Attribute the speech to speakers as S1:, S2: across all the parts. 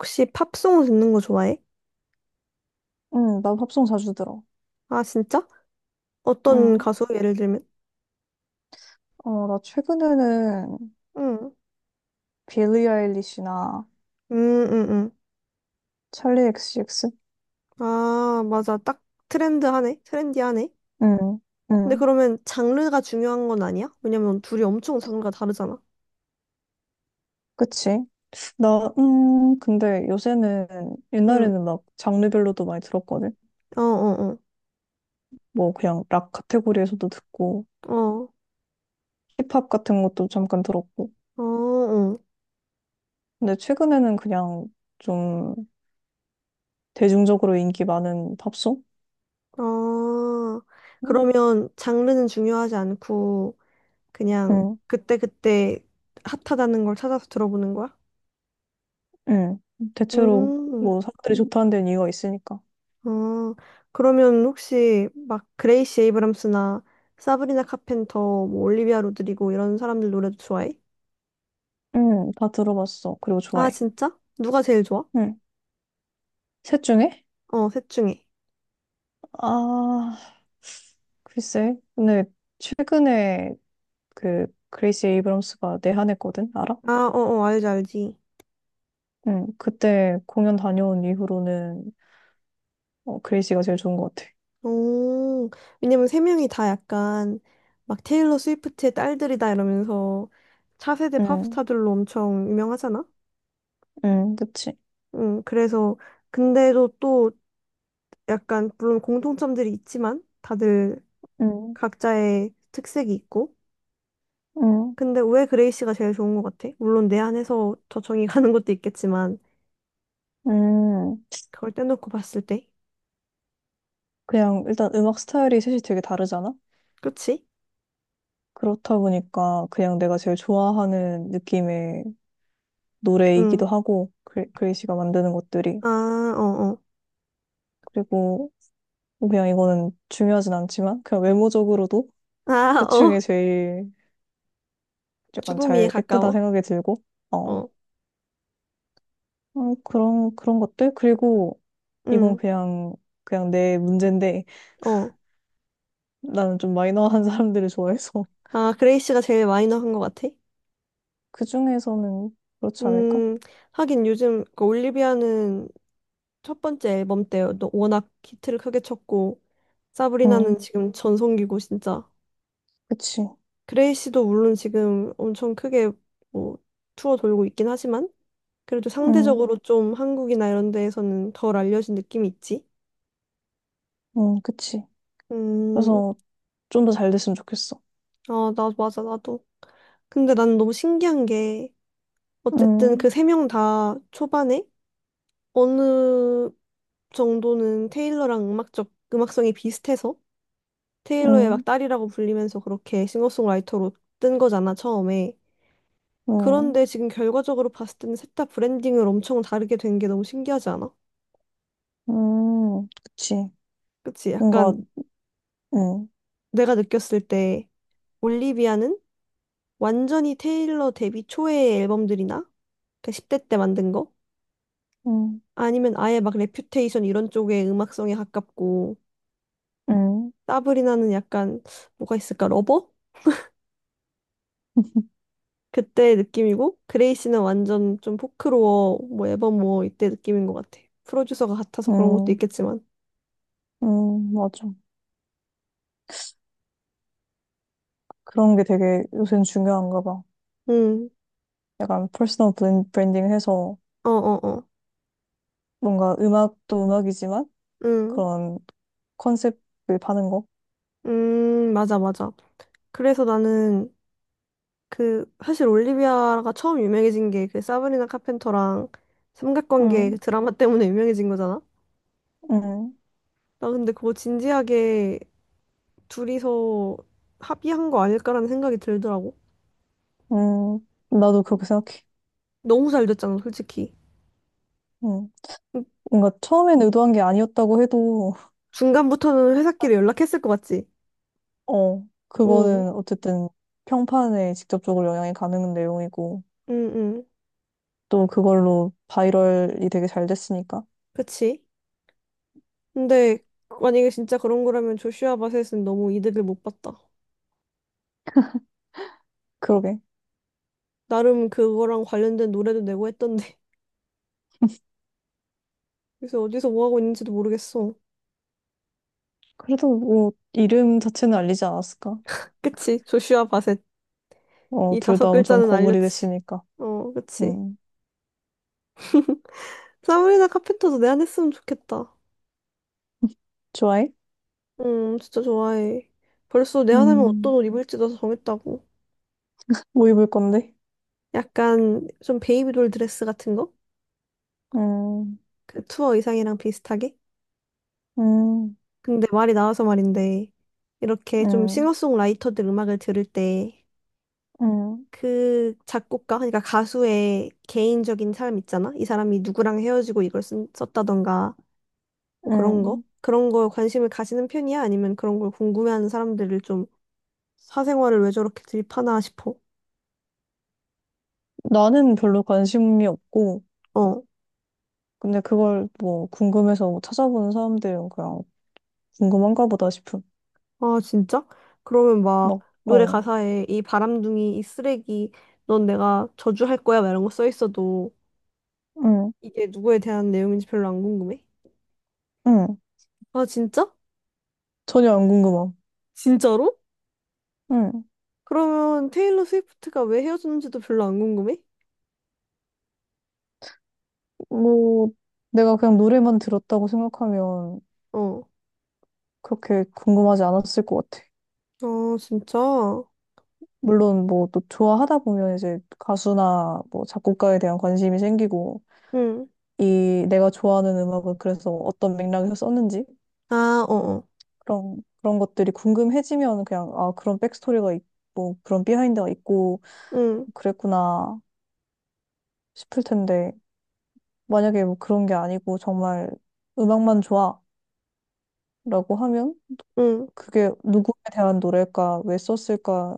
S1: 혹시 팝송 듣는 거 좋아해?
S2: 응, 난 팝송 자주 들어.
S1: 아, 진짜? 어떤
S2: 응.
S1: 가수? 예를 들면?
S2: 나 최근에는
S1: 응.
S2: 빌리 아일리시나
S1: 음, 음, 음.
S2: 찰리 엑시엑스.
S1: 아, 맞아. 딱 트렌드하네. 트렌디하네.
S2: 응,
S1: 근데
S2: 응.
S1: 그러면 장르가 중요한 건 아니야? 왜냐면 둘이 엄청 장르가 다르잖아.
S2: 그치? 나, 근데 요새는,
S1: 응.
S2: 옛날에는 막 장르별로도 많이 들었거든?
S1: 어, 어,
S2: 뭐, 그냥 락 카테고리에서도 듣고,
S1: 어. 어,
S2: 힙합 같은 것도 잠깐 들었고.
S1: 어, 어.
S2: 근데 최근에는 그냥 좀 대중적으로 인기 많은 팝송?
S1: 아, 그러면 장르는 중요하지 않고 그냥
S2: 응,
S1: 그때그때 핫하다는 걸 찾아서 들어보는 거야?
S2: 응. 대체로
S1: 음.
S2: 뭐 사람들이 좋다는 데는 이유가 있으니까.
S1: 아, 그러면 혹시 막 그레이시 에이브람스나 사브리나 카펜터, 뭐 올리비아 로드리고 이런 사람들 노래도 좋아해?
S2: 응, 다 들어봤어. 그리고
S1: 아,
S2: 좋아해.
S1: 진짜? 누가 제일 좋아?
S2: 응. 셋 중에?
S1: 어, 셋 중에.
S2: 아, 글쎄. 근데 최근에 그 그레이시 에이브럼스가 내한했거든? 알아?
S1: 아, 어어, 알지, 알지.
S2: 응. 그때 공연 다녀온 이후로는 그레이시가 제일 좋은 것 같아.
S1: 오, 왜냐면 세 명이 다 약간 막 테일러 스위프트의 딸들이다 이러면서 차세대
S2: 응.
S1: 팝스타들로 엄청 유명하잖아?
S2: 응, 그치.
S1: 응, 그래서 근데도 또 약간 물론 공통점들이 있지만 다들
S2: 응.
S1: 각자의 특색이 있고
S2: 응.
S1: 근데 왜 그레이시가 제일 좋은 것 같아? 물론 내 안에서 저정이 가는 것도 있겠지만
S2: 응.
S1: 그걸 떼놓고 봤을 때,
S2: 그냥 일단 음악 스타일이 셋이 되게 다르잖아?
S1: 그치?
S2: 그렇다 보니까 그냥 내가 제일 좋아하는 느낌의
S1: 응.
S2: 노래이기도 하고, 그레이시가 만드는 것들이.
S1: 아, 어, 어.
S2: 그리고 뭐 그냥 이거는 중요하진 않지만 그냥 외모적으로도
S1: 아,
S2: 대충이
S1: 어.
S2: 제일 약간
S1: 죽음이에
S2: 잘 예쁘다
S1: 가까워.
S2: 생각이 들고, 어
S1: 어.
S2: 그런 것들. 그리고 이건
S1: 응.
S2: 그냥 내 문제인데,
S1: 어.
S2: 나는 좀 마이너한 사람들을 좋아해서.
S1: 아, 그레이시가 제일 마이너한 것 같아?
S2: 그 중에서는 그렇지 않을까?
S1: 음, 하긴 요즘 그 올리비아는 첫 번째 앨범 때 워낙 히트를 크게 쳤고
S2: 응,
S1: 사브리나는 지금 전성기고 진짜
S2: 그치.
S1: 그레이시도 물론 지금 엄청 크게 뭐 투어 돌고 있긴 하지만. 그래도
S2: 응,
S1: 상대적으로 좀 한국이나 이런 데에서는 덜 알려진 느낌이 있지?
S2: 응, 그치.
S1: 음,
S2: 그래서 좀 더 잘 됐으면 좋겠어.
S1: 아, 나, 맞아, 나도. 근데 나는 너무 신기한 게,
S2: 응,
S1: 어쨌든 그 세 명 다 초반에 어느 정도는 테일러랑 음악적, 음악성이 비슷해서
S2: 응,
S1: 테일러의 막 딸이라고 불리면서 그렇게 싱어송라이터로 뜬 거잖아, 처음에.
S2: 응,
S1: 그런데 지금 결과적으로 봤을 때는 셋 다 브랜딩을 엄청 다르게 된 게 너무 신기하지 않아?
S2: 응, 그치.
S1: 그치?
S2: 뭔가.
S1: 약간
S2: 응,
S1: 내가 느꼈을 때 올리비아는 완전히 테일러 데뷔 초의 앨범들이나 그 10대 때 만든 거?
S2: 응,
S1: 아니면 아예 막 레퓨테이션 이런 쪽의 음악성에 가깝고
S2: 응.
S1: 사브리나는 약간 뭐가 있을까? 러버? 그때 느낌이고 그레이시는 완전 좀 포크로어 뭐 앨범 뭐 이때 느낌인 것 같아. 프로듀서가 같아서 그런 것도
S2: 응,
S1: 있겠지만.
S2: 응, 맞아. 그런 게 되게 요새는 중요한가 봐.
S1: 음.
S2: 약간 퍼스널 브랜딩 해서,
S1: 어 어어.
S2: 뭔가 음악도 음악이지만
S1: 음.
S2: 그런 컨셉을 파는 거.
S1: 맞아 맞아. 그래서 나는 그 사실 올리비아가 처음 유명해진 게 그 사브리나 카펜터랑 삼각관계 그
S2: 응,
S1: 드라마 때문에 유명해진 거잖아.
S2: 응,
S1: 나 근데 그거 진지하게 둘이서 합의한 거 아닐까라는 생각이 들더라고.
S2: 응. 나도 그렇게 생각해.
S1: 너무 잘 됐잖아, 솔직히.
S2: 응. 뭔가 처음엔 의도한 게 아니었다고 해도.
S1: 중간부터는 회사끼리 연락했을 것 같지? 응,
S2: 그거는 어쨌든 평판에 직접적으로 영향이 가는 내용이고,
S1: 응, 응.
S2: 또 그걸로 바이럴이 되게 잘 됐으니까.
S1: 그치? 근데 만약에 진짜 그런 거라면 조슈아 바셋은 너무 이득을 못 봤다.
S2: 그러게.
S1: 나름 그거랑 관련된 노래도 내고 했던데. 그래서 어디서 뭐 하고 있는지도 모르겠어.
S2: 그래도 뭐, 이름 자체는 알리지 않았을까?
S1: 그치? 조슈아 바셋. 이
S2: 둘
S1: 다섯
S2: 다 엄청
S1: 글자는
S2: 거물이
S1: 알렸지.
S2: 됐으니까.
S1: 어, 그치.
S2: 음.
S1: 사브리나 카펜터도 내 안 했으면 좋겠다.
S2: 좋아해?
S1: 진짜 좋아해. 벌써 내 안 하면 어떤
S2: 음,
S1: 옷 입을지도 정했다고.
S2: 뭐 입을 건데?
S1: 약간 좀 베이비돌 드레스 같은 거?
S2: 음,
S1: 그 투어 의상이랑 비슷하게?
S2: 음,
S1: 근데 말이 나와서 말인데, 이렇게 좀
S2: 음,
S1: 싱어송라이터들 음악을 들을 때,
S2: 음,
S1: 그 작곡가, 그러니까 가수의 개인적인 삶 있잖아? 이 사람이 누구랑 헤어지고 이걸 썼다던가, 뭐 그런 거?
S2: 음.
S1: 그런 거에 관심을 가지는 편이야? 아니면 그런 걸 궁금해하는 사람들을 좀 사생활을 왜 저렇게 드립하나 싶어?
S2: 나는 별로 관심이 없고,
S1: 어.
S2: 근데 그걸 뭐 궁금해서 뭐 찾아보는 사람들은 그냥 궁금한가 보다 싶음.
S1: 아, 진짜? 그러면 막
S2: 막,
S1: 노래
S2: 어,
S1: 가사에 이 바람둥이, 이 쓰레기, 넌 내가 저주할 거야? 막 이런 거 써 있어도
S2: 응,
S1: 이게 누구에 대한 내용인지 별로 안 궁금해?
S2: 응.
S1: 아, 진짜?
S2: 전혀 안 궁금함.
S1: 진짜로?
S2: 응.
S1: 그러면 테일러 스위프트가 왜 헤어졌는지도 별로 안 궁금해?
S2: 뭐, 내가 그냥 노래만 들었다고 생각하면
S1: 어.
S2: 그렇게 궁금하지 않았을 것 같아.
S1: 아, 진짜?
S2: 물론 뭐 또 좋아하다 보면 이제 가수나 뭐 작곡가에 대한 관심이 생기고,
S1: 응.
S2: 이 내가 좋아하는 음악을 그래서 어떤 맥락에서 썼는지,
S1: 아, 어어.
S2: 그런 것들이 궁금해지면 그냥, 아, 그런 백스토리가 있고, 그런 비하인드가 있고,
S1: 응,
S2: 그랬구나 싶을 텐데, 만약에 뭐 그런 게 아니고, 정말 음악만 좋아, 라고 하면,
S1: 응.
S2: 그게 누구에 대한 노래일까, 왜 썼을까,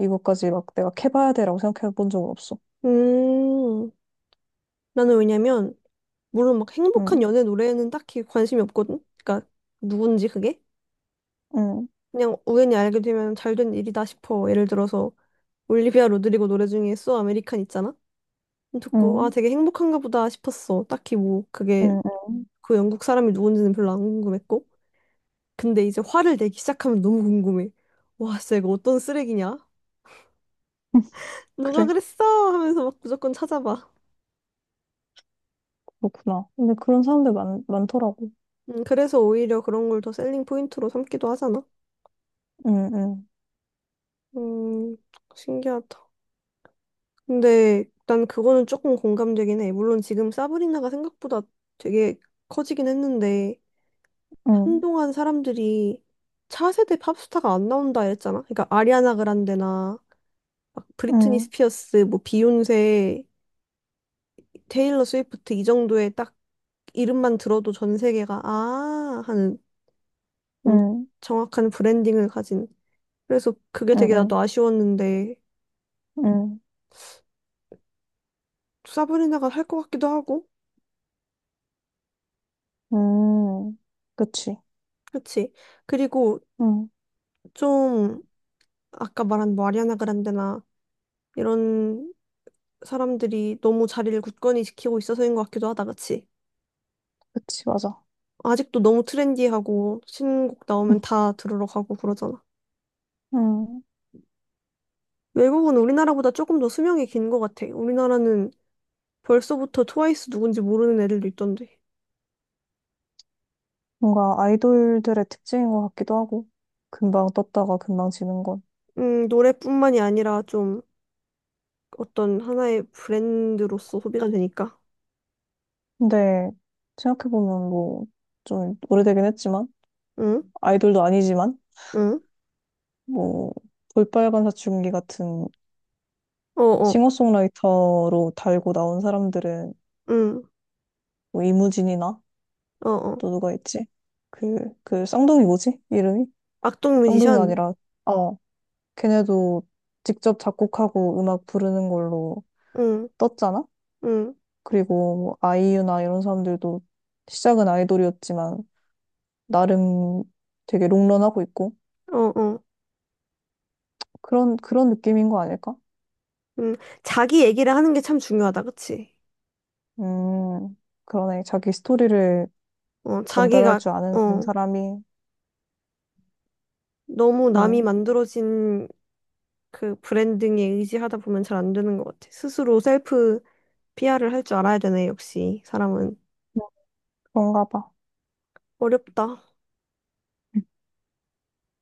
S2: 이것까지 막 내가 캐봐야 돼라고 생각해 본 적은 없어.
S1: 음. 나는 왜냐면 물론 막 행복한
S2: 응,
S1: 연애 노래에는 딱히 관심이 없거든? 그러니까 누군지 그게?
S2: 응,
S1: 그냥 우연히 알게 되면 잘된 일이다 싶어. 예를 들어서 올리비아 로드리고 노래 중에 So American 있잖아? 듣고 아
S2: 응,
S1: 되게 행복한가 보다 싶었어. 딱히 뭐 그게
S2: 응, 응.
S1: 그 영국 사람이 누군지는 별로 안 궁금했고. 근데 이제 화를 내기 시작하면 너무 궁금해. 와 진짜 이거 어떤 쓰레기냐?
S2: 응.
S1: 누가
S2: 그래,
S1: 그랬어? 하면서 막 무조건 찾아봐.
S2: 그렇구나. 근데 그런 사람들 많더라고.
S1: 그래서 오히려 그런 걸 더 셀링 포인트로 삼기도 하잖아.
S2: 응, 응,
S1: 음, 신기하다. 근데 난 그거는 조금 공감되긴 해. 물론 지금 사브리나가 생각보다 되게 커지긴 했는데
S2: 응,
S1: 한동안 사람들이 차세대 팝스타가 안 나온다 했잖아. 그러니까 아리아나 그란데나 막 브리트니
S2: 응,
S1: 스피어스, 뭐 비욘세, 테일러 스위프트 이 정도의 딱 이름만 들어도 전 세계가 아 하는 엄-
S2: 응,
S1: 정확한 브랜딩을 가진. 그래서 그게
S2: 응,
S1: 되게
S2: 응,
S1: 나도 아쉬웠는데
S2: 응,
S1: 사브리나가 할 것 같기도 하고.
S2: 응. 그치.
S1: 그치? 그리고
S2: 응,
S1: 좀 아까 말한 뭐 아리아나 그란데나 이런 사람들이 너무 자리를 굳건히 지키고 있어서인 것 같기도 하다, 그치?
S2: 그치, 맞아.
S1: 아직도 너무 트렌디하고 신곡 나오면 다 들으러 가고 그러잖아.
S2: 응.
S1: 외국은 우리나라보다 조금 더 수명이 긴 것 같아. 우리나라는 벌써부터 트와이스 누군지 모르는 애들도 있던데.
S2: 뭔가 아이돌들의 특징인 것 같기도 하고, 금방 떴다가 금방 지는 건.
S1: 노래뿐만이 아니라 좀 어떤 하나의 브랜드로서 소비가 되니까.
S2: 근데, 생각해보면 뭐, 좀 오래되긴 했지만,
S1: 응?
S2: 아이돌도 아니지만,
S1: 응?
S2: 뭐, 볼빨간 사춘기 같은
S1: 어어.
S2: 싱어송라이터로 달고 나온 사람들은,
S1: 응.
S2: 뭐, 이무진이나,
S1: 어어.
S2: 또 누가 있지? 그, 쌍둥이 뭐지? 이름이?
S1: 악동
S2: 쌍둥이가
S1: 뮤지션?
S2: 아니라, 어, 걔네도 직접 작곡하고 음악 부르는 걸로
S1: 응.
S2: 떴잖아?
S1: 응.
S2: 그리고 뭐 아이유나 이런 사람들도 시작은 아이돌이었지만 나름 되게 롱런하고 있고,
S1: 어어.
S2: 그런 느낌인 거 아닐까?
S1: 음, 자기 얘기를 하는 게 참 중요하다, 그치?
S2: 음, 그러네. 자기 스토리를
S1: 어,
S2: 전달할
S1: 자기가,
S2: 줄 아는
S1: 어,
S2: 사람이.
S1: 너무 남이
S2: 음,
S1: 만들어진 그 브랜딩에 의지하다 보면 잘 안 되는 것 같아. 스스로 셀프 PR을 할 줄 알아야 되네, 역시. 사람은.
S2: 뭐 그런가 봐.
S1: 어렵다.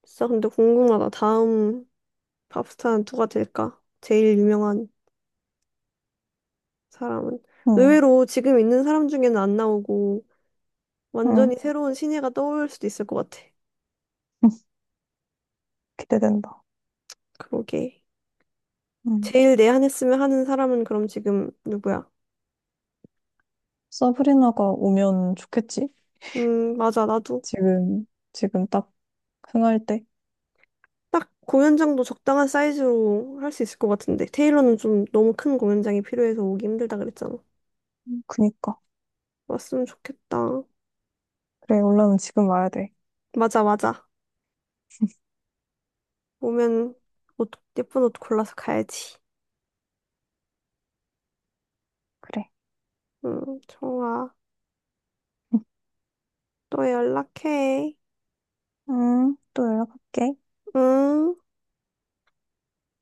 S1: 진짜 근데 궁금하다. 다음 팝스타는 누가 될까? 제일 유명한 사람은.
S2: 음,
S1: 의외로 지금 있는 사람 중에는 안 나오고, 완전히
S2: 음.
S1: 새로운 신예가 떠올 수도 있을 것 같아.
S2: 기대된다.
S1: 그러게.
S2: 음.
S1: 제일 내한했으면 하는 사람은 그럼 지금 누구야?
S2: 서브리나가 오면 좋겠지?
S1: 맞아. 나도
S2: 지금 지금 딱 흥할 때.
S1: 딱 공연장도 적당한 사이즈로 할 수 있을 것 같은데. 테일러는 좀 너무 큰 공연장이 필요해서 오기 힘들다 그랬잖아.
S2: 그니까.
S1: 왔으면 좋겠다.
S2: 그래, 올라면 지금 와야 돼.
S1: 맞아, 맞아. 오면 옷, 예쁜 옷 골라서 가야지.
S2: 그래.
S1: 응 좋아.
S2: 음,
S1: 또 연락해.
S2: 또 연락할게.
S1: 응.